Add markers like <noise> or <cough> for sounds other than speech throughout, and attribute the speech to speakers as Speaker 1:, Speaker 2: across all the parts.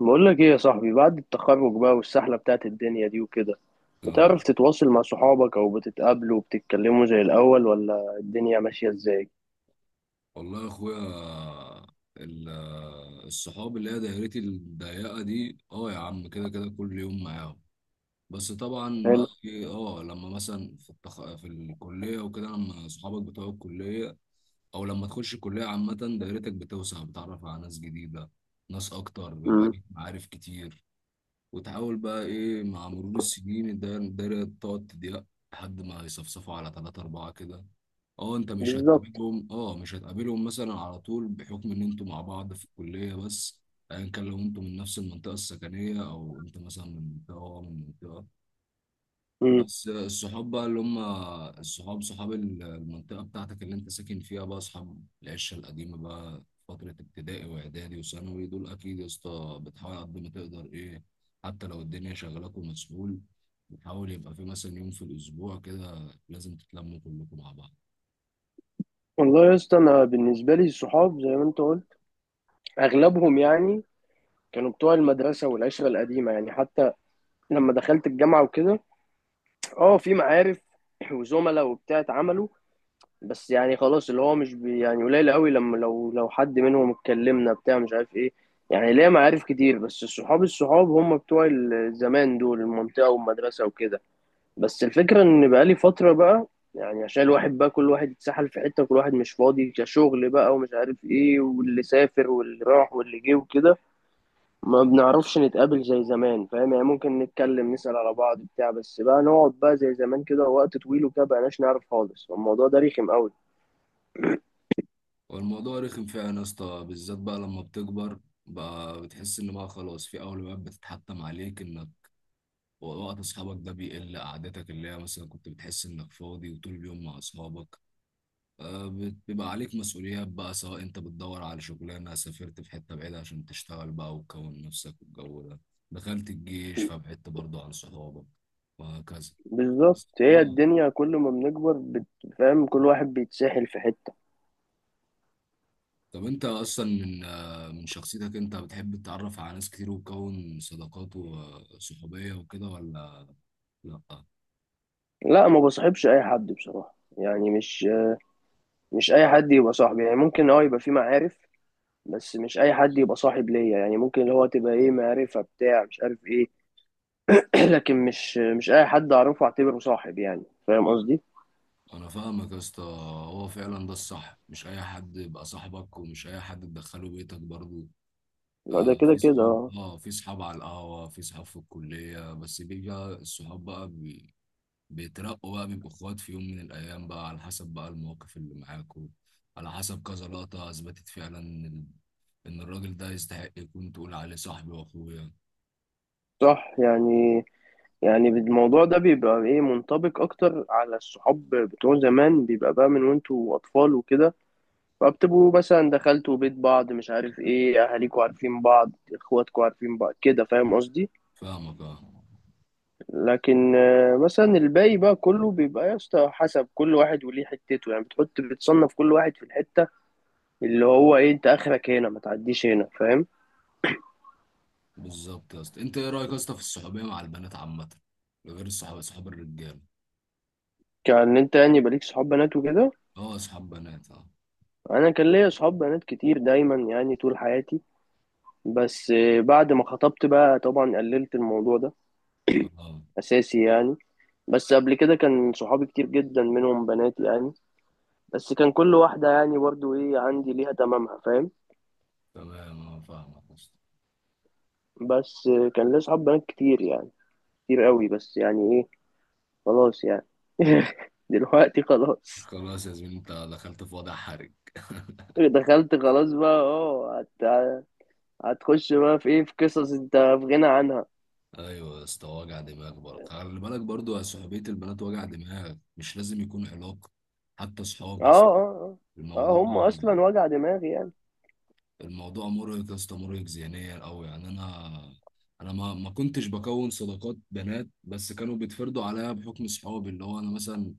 Speaker 1: بقول لك ايه يا صاحبي، بعد التخرج بقى والسحلة بتاعت الدنيا دي وكده،
Speaker 2: اه،
Speaker 1: بتعرف تتواصل مع صحابك او بتتقابلوا وبتتكلموا زي الاول، ولا الدنيا ماشية ازاي؟
Speaker 2: والله يا اخويا، ال- الصحاب اللي هي دايرتي الضيقه دي اه يا عم كده كده كل يوم معاهم. بس طبعا بقى
Speaker 1: حلو.
Speaker 2: إيه، لما مثلا في الكليه وكده، لما اصحابك بتوع الكليه او لما تخش الكليه عامه، دايرتك بتوسع، بتتعرف على ناس جديده، ناس اكتر، بيبقى
Speaker 1: امم.
Speaker 2: ليك معارف كتير. وتحاول بقى ايه مع مرور السنين، الدايرة تقعد تضيق لحد ما يصفصفوا على ثلاثة أربعة كده. اه، انت مش
Speaker 1: بالظبط.
Speaker 2: هتقابلهم، مثلا على طول، بحكم ان انتوا مع بعض في الكليه بس، ايا كان لو انتوا من نفس المنطقه السكنيه، او انت مثلا من منطقه وهو من منطقه.
Speaker 1: امم.
Speaker 2: بس الصحاب بقى اللي هم الصحاب، صحاب المنطقه بتاعتك اللي انت ساكن فيها بقى، اصحاب العشه القديمه بقى، فتره ابتدائي واعدادي وثانوي، دول اكيد يا اسطى بتحاول قد ما تقدر ايه. حتى لو الدنيا شغلاك ومسؤول، بتحاول يبقى في مثلا يوم في الاسبوع كده لازم تتلموا كلكم مع بعض.
Speaker 1: والله يا اسطى، انا بالنسبة لي الصحاب زي ما انت قلت، اغلبهم يعني كانوا بتوع المدرسة والعشرة القديمة، يعني حتى لما دخلت الجامعة وكده، اه في معارف وزملاء وبتاع اتعملوا، بس يعني خلاص اللي هو مش بي، يعني قليل قوي، لما لو حد منهم اتكلمنا بتاع مش عارف ايه. يعني ليا معارف كتير، بس الصحاب الصحاب هم بتوع الزمان دول، المنطقة والمدرسة وكده. بس الفكرة ان بقالي فترة بقى، يعني عشان الواحد بقى، كل واحد اتسحل في حتة، كل واحد مش فاضي كشغل بقى ومش عارف ايه، واللي سافر واللي راح واللي جه وكده، ما بنعرفش نتقابل زي زمان فاهم يعني. ممكن نتكلم نسأل على بعض بتاع، بس بقى نقعد بقى زي زمان كده وقت طويل وكده بقناش نعرف خالص. الموضوع ده رخم قوي.
Speaker 2: والموضوع رخم فعلا يا اسطى، بالذات بقى لما بتكبر، بقى بتحس ان بقى خلاص في اولويات بتتحتم عليك، انك وقت اصحابك ده بيقل. قعدتك اللي هي مثلا كنت بتحس انك فاضي وطول اليوم مع اصحابك، آه، بيبقى عليك مسؤوليات بقى، سواء انت بتدور على شغلانه، سافرت في حته بعيده عشان تشتغل بقى وتكون نفسك والجو ده، دخلت الجيش فبعدت برضه عن صحابك، وهكذا.
Speaker 1: بالظبط، هي
Speaker 2: اه
Speaker 1: الدنيا كل ما بنكبر فاهم، كل واحد بيتسحل في حتة.
Speaker 2: طب انت اصلا من من شخصيتك، انت بتحب تتعرف على ناس كتير وتكون صداقات وصحوبية وكده ولا؟ لا.
Speaker 1: لا، ما بصاحبش اي حد بصراحة، يعني مش اي حد يبقى صاحبي، يعني ممكن يبقى في معارف، بس مش اي حد يبقى صاحب ليا، يعني ممكن اللي هو تبقى ايه معرفة بتاع مش عارف ايه. <clears throat> لكن مش اي حد اعرفه اعتبره صاحب، يعني فاهم قصدي.
Speaker 2: انا فاهمك يا اسطى. هو فعلا ده الصح، مش اي حد يبقى صاحبك، ومش اي حد تدخله بيتك برضو.
Speaker 1: لا، ده كده
Speaker 2: في
Speaker 1: كده
Speaker 2: صحاب،
Speaker 1: اه.
Speaker 2: اه في صحاب على القهوة، في صحاب في الكلية، بس بيجي الصحاب بقى بيترقوا بقى، بيبقوا اخوات في يوم من الايام بقى، على حسب بقى المواقف اللي معاكوا، على حسب كذا لقطة اثبتت فعلا ان إن الراجل ده يستحق يكون تقول عليه صاحبي واخويا.
Speaker 1: صح يعني. يعني الموضوع ده بيبقى ايه منطبق اكتر على الصحاب بتوع زمان، بيبقى بقى من وانتوا اطفال وكده، فبتبقوا مثلا دخلتوا بيت بعض مش عارف ايه، اهاليكوا عارفين بعض، اخواتكوا عارفين بعض كده، فاهم قصدي.
Speaker 2: فاهمك اه.
Speaker 1: لكن مثلا الباقي بقى كله بيبقى يا اسطى حسب كل واحد وليه حتته، يعني بتحط بتصنف كل واحد في الحتة، اللي هو ايه انت اخرك هنا ما تعديش هنا فاهم.
Speaker 2: بالظبط يا اسطى. انت ايه رايك يا اسطى في الصحوبية مع البنات عامة، غير الصحاب صحاب الرجاله؟
Speaker 1: كان انت يعني يبقى ليك صحاب بنات وكده؟
Speaker 2: اه، صحاب بنات اه.
Speaker 1: انا كان ليا صحاب بنات كتير دايما، يعني طول حياتي. بس بعد ما خطبت بقى طبعا قللت الموضوع ده
Speaker 2: اه
Speaker 1: اساسي يعني. بس قبل كده كان صحابي كتير جدا منهم بنات يعني، بس كان كل واحدة يعني برضو ايه عندي ليها تمامها فاهم.
Speaker 2: تمام، اه فاهمك يا اسطى.
Speaker 1: بس كان ليا صحاب بنات كتير يعني، كتير قوي، بس يعني ايه، خلاص يعني. <laughs> دلوقتي خلاص.
Speaker 2: خلاص يا زميلي، انت دخلت في وضع حرج. <laughs>
Speaker 1: دخلت خلاص بقى هتخش بقى في ايه، في قصص انت في غنى عنها.
Speaker 2: ايوه يا اسطى، وجع دماغ برضه، خلي بالك برضه، يا صحوبيه البنات وجع دماغ، مش لازم يكون علاقه، حتى صحاب
Speaker 1: اه،
Speaker 2: يا اسطى.
Speaker 1: اه. اه،
Speaker 2: الموضوع
Speaker 1: اه، هم اصلا وجع دماغي يعني.
Speaker 2: الموضوع مرهق يا اسطى، مرهق ذهنيا قوي يعني. انا ما كنتش بكون صداقات بنات، بس كانوا بيتفرضوا عليا بحكم صحابي. اللي هو انا مثلا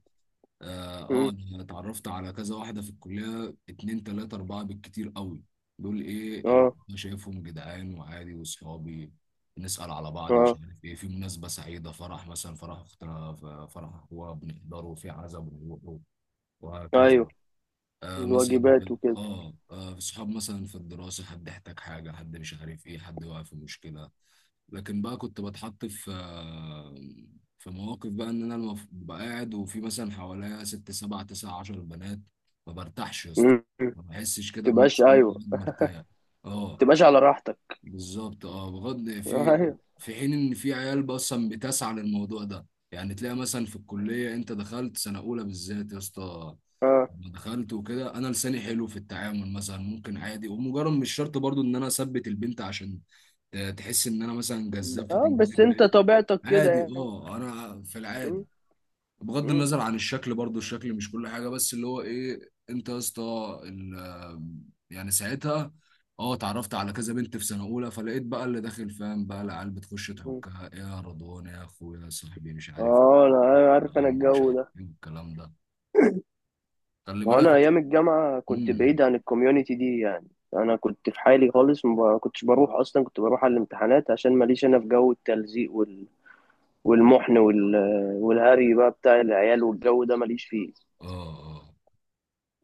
Speaker 1: مم.
Speaker 2: انا اتعرفت على كذا واحده في الكليه، اتنين تلاته اربعه بالكتير قوي. دول ايه اللي
Speaker 1: اه،
Speaker 2: أنا شايفهم جدعان وعادي واصحابي، نسال على بعض، مش
Speaker 1: اه،
Speaker 2: عارف ايه في مناسبه سعيده، فرح مثلا، فرح اختنا، فرح اخوها بنحضره، في عزا بنروحه، وهكذا.
Speaker 1: ايوه،
Speaker 2: آه مثلا
Speaker 1: الواجبات وكده.
Speaker 2: صحاب مثلا في الدراسه، حد احتاج حاجه، حد مش عارف ايه، حد واقع في مشكله. لكن بقى كنت بتحط في مواقف بقى، ان انا ببقى قاعد وفي مثلا حواليا ست سبع تسع عشر بنات، ما برتاحش يا اسطى،
Speaker 1: مم.
Speaker 2: ما بحسش كده
Speaker 1: تبقاش،
Speaker 2: بنفسي
Speaker 1: ايوه.
Speaker 2: إني مرتاح. اه
Speaker 1: تبقاش على راحتك.
Speaker 2: بالظبط، اه بغض
Speaker 1: <laughs>
Speaker 2: في،
Speaker 1: ايوه.
Speaker 2: في حين ان في عيال اصلا بتسعى للموضوع ده، يعني تلاقي مثلا في الكليه انت دخلت سنه اولى بالذات يا اسطى،
Speaker 1: اه،
Speaker 2: لما دخلت وكده، انا لساني حلو في التعامل مثلا، ممكن عادي، ومجرد مش شرط برضو ان انا اثبت البنت عشان تحس ان انا مثلا جذاب
Speaker 1: اه، بس
Speaker 2: فتنجذب ليا.
Speaker 1: انت طبيعتك كده
Speaker 2: عادي،
Speaker 1: يعني.
Speaker 2: انا في العادي،
Speaker 1: مم.
Speaker 2: بغض
Speaker 1: مم.
Speaker 2: النظر عن الشكل برضو، الشكل مش كل حاجه، بس اللي هو ايه انت يا اسطى ال- يعني ساعتها اه اتعرفت على كذا بنت في سنه اولى، فلقيت بقى اللي داخل فاهم بقى، العيال بتخش
Speaker 1: مم.
Speaker 2: تحكها، إيه يا رضوان يا اخويا يا صاحبي مش عارف
Speaker 1: اه، أنا
Speaker 2: إيه،
Speaker 1: عارف
Speaker 2: يا
Speaker 1: انا
Speaker 2: عم مش
Speaker 1: الجو
Speaker 2: عارف
Speaker 1: ده.
Speaker 2: ايه الكلام ده، خلي
Speaker 1: ما هو
Speaker 2: بالك.
Speaker 1: انا ايام الجامعه كنت
Speaker 2: امم،
Speaker 1: بعيد عن الكوميونتي دي يعني. انا كنت في حالي خالص، ما كنتش بروح اصلا، كنت بروح على الامتحانات عشان ماليش انا في جو التلزيق والمحن والهري بقى بتاع العيال والجو ده ماليش فيه.
Speaker 2: اه اه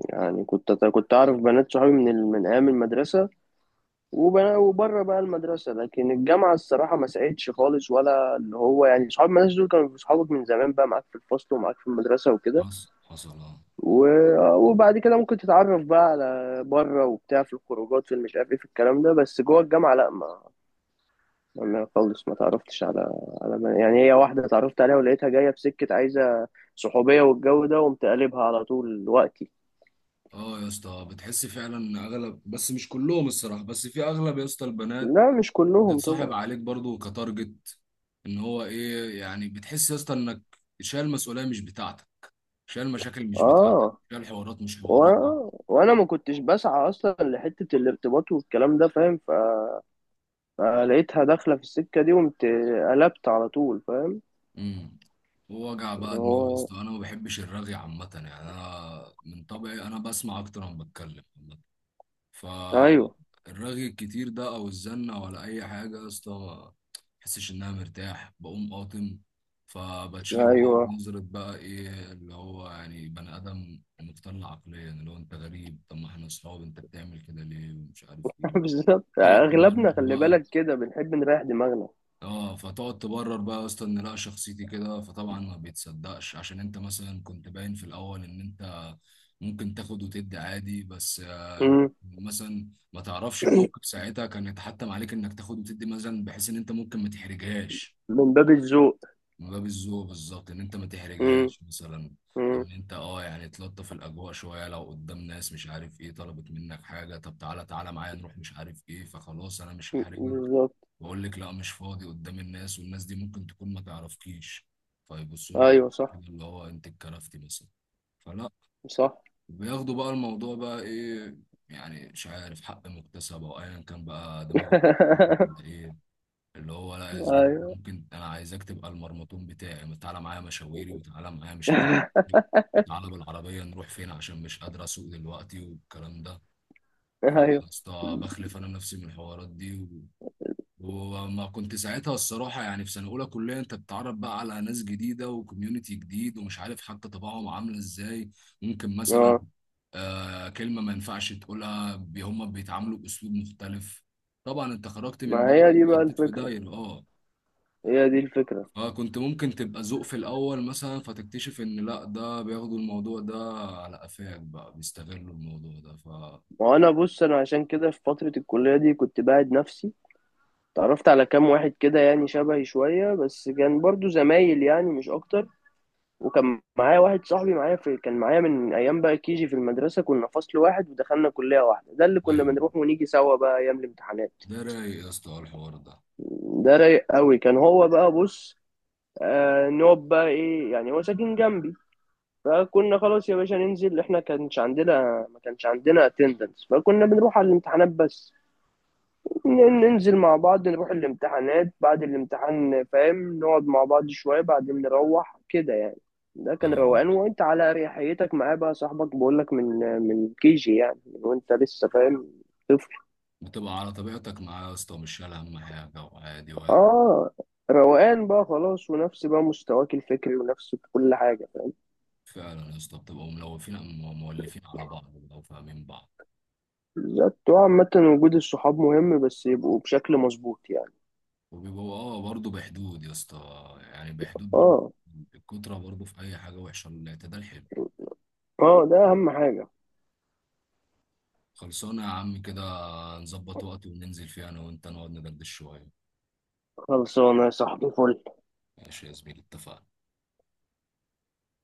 Speaker 1: يعني كنت اعرف بنات صحابي من ايام المدرسه، وبره بقى المدرسه، لكن الجامعه الصراحه ما ساعدتش خالص، ولا اللي هو يعني صحاب المدرسه دول كانوا صحابك من زمان بقى، معاك في الفصل ومعاك في المدرسه وكده،
Speaker 2: حصل
Speaker 1: وبعد كده ممكن تتعرف بقى على بره وبتاع في الخروجات، في مش عارف ايه في الكلام ده، بس جوه الجامعة لا ما. انا خالص ما تعرفتش على ما يعني، هي واحدة اتعرفت عليها ولقيتها جاية بسكة عايزة صحوبية والجو ده، وقمت قلبها على طول وقتي.
Speaker 2: اه يا اسطى، بتحس فعلا ان اغلب، بس مش كلهم الصراحه، بس في اغلب يا اسطى البنات
Speaker 1: لا، مش كلهم
Speaker 2: بتتصاحب
Speaker 1: طبعا.
Speaker 2: عليك برضو كتارجت، ان هو ايه يعني، بتحس يا اسطى انك شايل مسؤوليه مش بتاعتك، شايل مشاكل مش بتاعتك،
Speaker 1: اه.
Speaker 2: شايل حوارات مش حواراتك.
Speaker 1: وانا ما كنتش بسعى اصلا لحتة الارتباط والكلام ده فاهم، فلقيتها داخلة في السكة دي، وقمت قلبت على طول فاهم.
Speaker 2: امم. ووجع بقى دماغ يا
Speaker 1: هو.
Speaker 2: اسطى، انا ما بحبش الرغي عامه يعني، انا من طبعي انا بسمع اكتر ما بتكلم،
Speaker 1: ايوه.
Speaker 2: فالرغي الكتير ده او الزنة ولا اي حاجة يا اسطى، ما بحسش ان انا مرتاح، بقوم قاطم. فبتشاف بقى
Speaker 1: ايوه.
Speaker 2: بنظرة بقى، ايه، اللي هو يعني بني ادم مختل عقليا، اللي هو انت غريب، طب ما احنا اصحاب، انت بتعمل كده ليه، ومش عارف ايه،
Speaker 1: <laughs> بالظبط
Speaker 2: تقعد
Speaker 1: اغلبنا
Speaker 2: تمرمر
Speaker 1: خلي
Speaker 2: بقى.
Speaker 1: بالك كده بنحب نريح دماغنا.
Speaker 2: اه، فتقعد تبرر بقى يا اسطى ان لا شخصيتي كده، فطبعا ما بيتصدقش، عشان انت مثلا كنت باين في الاول ان انت ممكن تاخد وتدي عادي، بس
Speaker 1: مم.
Speaker 2: مثلا ما تعرفش الموقف ساعتها كان يتحتم عليك انك تاخد وتدي مثلا، بحيث ان انت ممكن ما تحرجهاش،
Speaker 1: من باب الذوق.
Speaker 2: من باب الذوق. بالظبط، ان انت ما
Speaker 1: مم.
Speaker 2: تحرجهاش مثلا،
Speaker 1: مم.
Speaker 2: ان انت اه يعني تلطف الاجواء شويه، لو قدام ناس مش عارف ايه طلبت منك حاجه، طب تعالى تعالى معايا نروح مش عارف ايه، فخلاص انا مش
Speaker 1: مم.
Speaker 2: هحرجك،
Speaker 1: بالظبط.
Speaker 2: واقول لك لا مش فاضي قدام الناس، والناس دي ممكن تكون ما تعرفكيش، فيبصوا لك
Speaker 1: ايوه،
Speaker 2: كده،
Speaker 1: صح.
Speaker 2: اللي هو انت اتكرفتي مثلا، فلا.
Speaker 1: صح.
Speaker 2: بياخدوا بقى الموضوع بقى ايه، يعني مش عارف، حق مكتسب او ايا كان بقى دماغه،
Speaker 1: <laughs>
Speaker 2: ايه، اللي هو لا يا زميلي،
Speaker 1: ايوه.
Speaker 2: ممكن انا عايزك تبقى المرمطون بتاعي، تعالى معايا مشاويري، وتعالى معايا مش عارف إيه. تعالى بالعربية نروح فين عشان مش قادر أسوق دلوقتي والكلام ده.
Speaker 1: ايوه.
Speaker 2: فاسطى، بخلف أنا نفسي من الحوارات دي. وما كنت ساعتها الصراحة يعني، في سنة أولى كلية أنت بتتعرف بقى على ناس جديدة وكوميونيتي جديد، ومش عارف حتى طباعهم عاملة إزاي. ممكن مثلا
Speaker 1: اه.
Speaker 2: كلمة ما ينفعش تقولها، هم بيتعاملوا بأسلوب مختلف. طبعا أنت خرجت من
Speaker 1: ما
Speaker 2: دايرة،
Speaker 1: هي دي بقى
Speaker 2: حطيت في
Speaker 1: الفكره.
Speaker 2: دايرة.
Speaker 1: هي دي الفكره.
Speaker 2: فكنت ممكن تبقى ذوق في الأول مثلا، فتكتشف إن لأ، ده بياخدوا الموضوع ده على قفاك بقى، بيستغلوا الموضوع ده ف.
Speaker 1: وانا بص، انا عشان كده في فتره الكليه دي كنت باعد نفسي، تعرفت على كام واحد كده يعني شبهي شويه، بس كان برضو زمايل يعني مش اكتر، وكان معايا واحد صاحبي معايا في، كان معايا من ايام بقى كيجي في المدرسه، كنا فصل واحد ودخلنا كليه واحده، ده اللي كنا
Speaker 2: أيوه،
Speaker 1: بنروح ونيجي سوا بقى ايام الامتحانات.
Speaker 2: ده رايق يا اسطى الحوار ده.
Speaker 1: ده رايق قوي، كان هو بقى بص، نقعد بقى ايه، يعني هو ساكن جنبي، فكنا خلاص يا باشا ننزل، احنا كانش عندنا، ما كانش عندنا اتندنس، فكنا بنروح على الامتحانات بس، ننزل مع بعض نروح الامتحانات، بعد الامتحان فاهم نقعد مع بعض شوية، بعدين نروح كده يعني. ده كان
Speaker 2: أيوه،
Speaker 1: روقان وانت على اريحيتك معاه بقى صاحبك، بقولك، من كيجي يعني، من وانت لسه فاهم طفل.
Speaker 2: بتبقى على طبيعتك معاه يا اسطى، مش شايل هم حاجة، وعادي واحد.
Speaker 1: اه. روقان بقى خلاص، ونفس بقى مستواك الفكري ونفس كل حاجة.
Speaker 2: فعلا يا اسطى بتبقوا ملوفين، مولفين على بعض، بيبقوا فاهمين بعض.
Speaker 1: بالظبط، وعامة وجود الصحاب مهم، بس يبقوا بشكل مظبوط يعني.
Speaker 2: وبيبقوا برضه بحدود يا اسطى، يعني بحدود برضه.
Speaker 1: اه.
Speaker 2: الكترة برضه في أي حاجة وحشة، الاعتدال حلو.
Speaker 1: اه، ده اهم حاجة.
Speaker 2: خلصانة يا عم كده، نظبط وقت وننزل فيه أنا وأنت نقعد ندردش شوية.
Speaker 1: خلصانة يا صاحبي، فل
Speaker 2: ماشي يا زميلي، اتفقنا.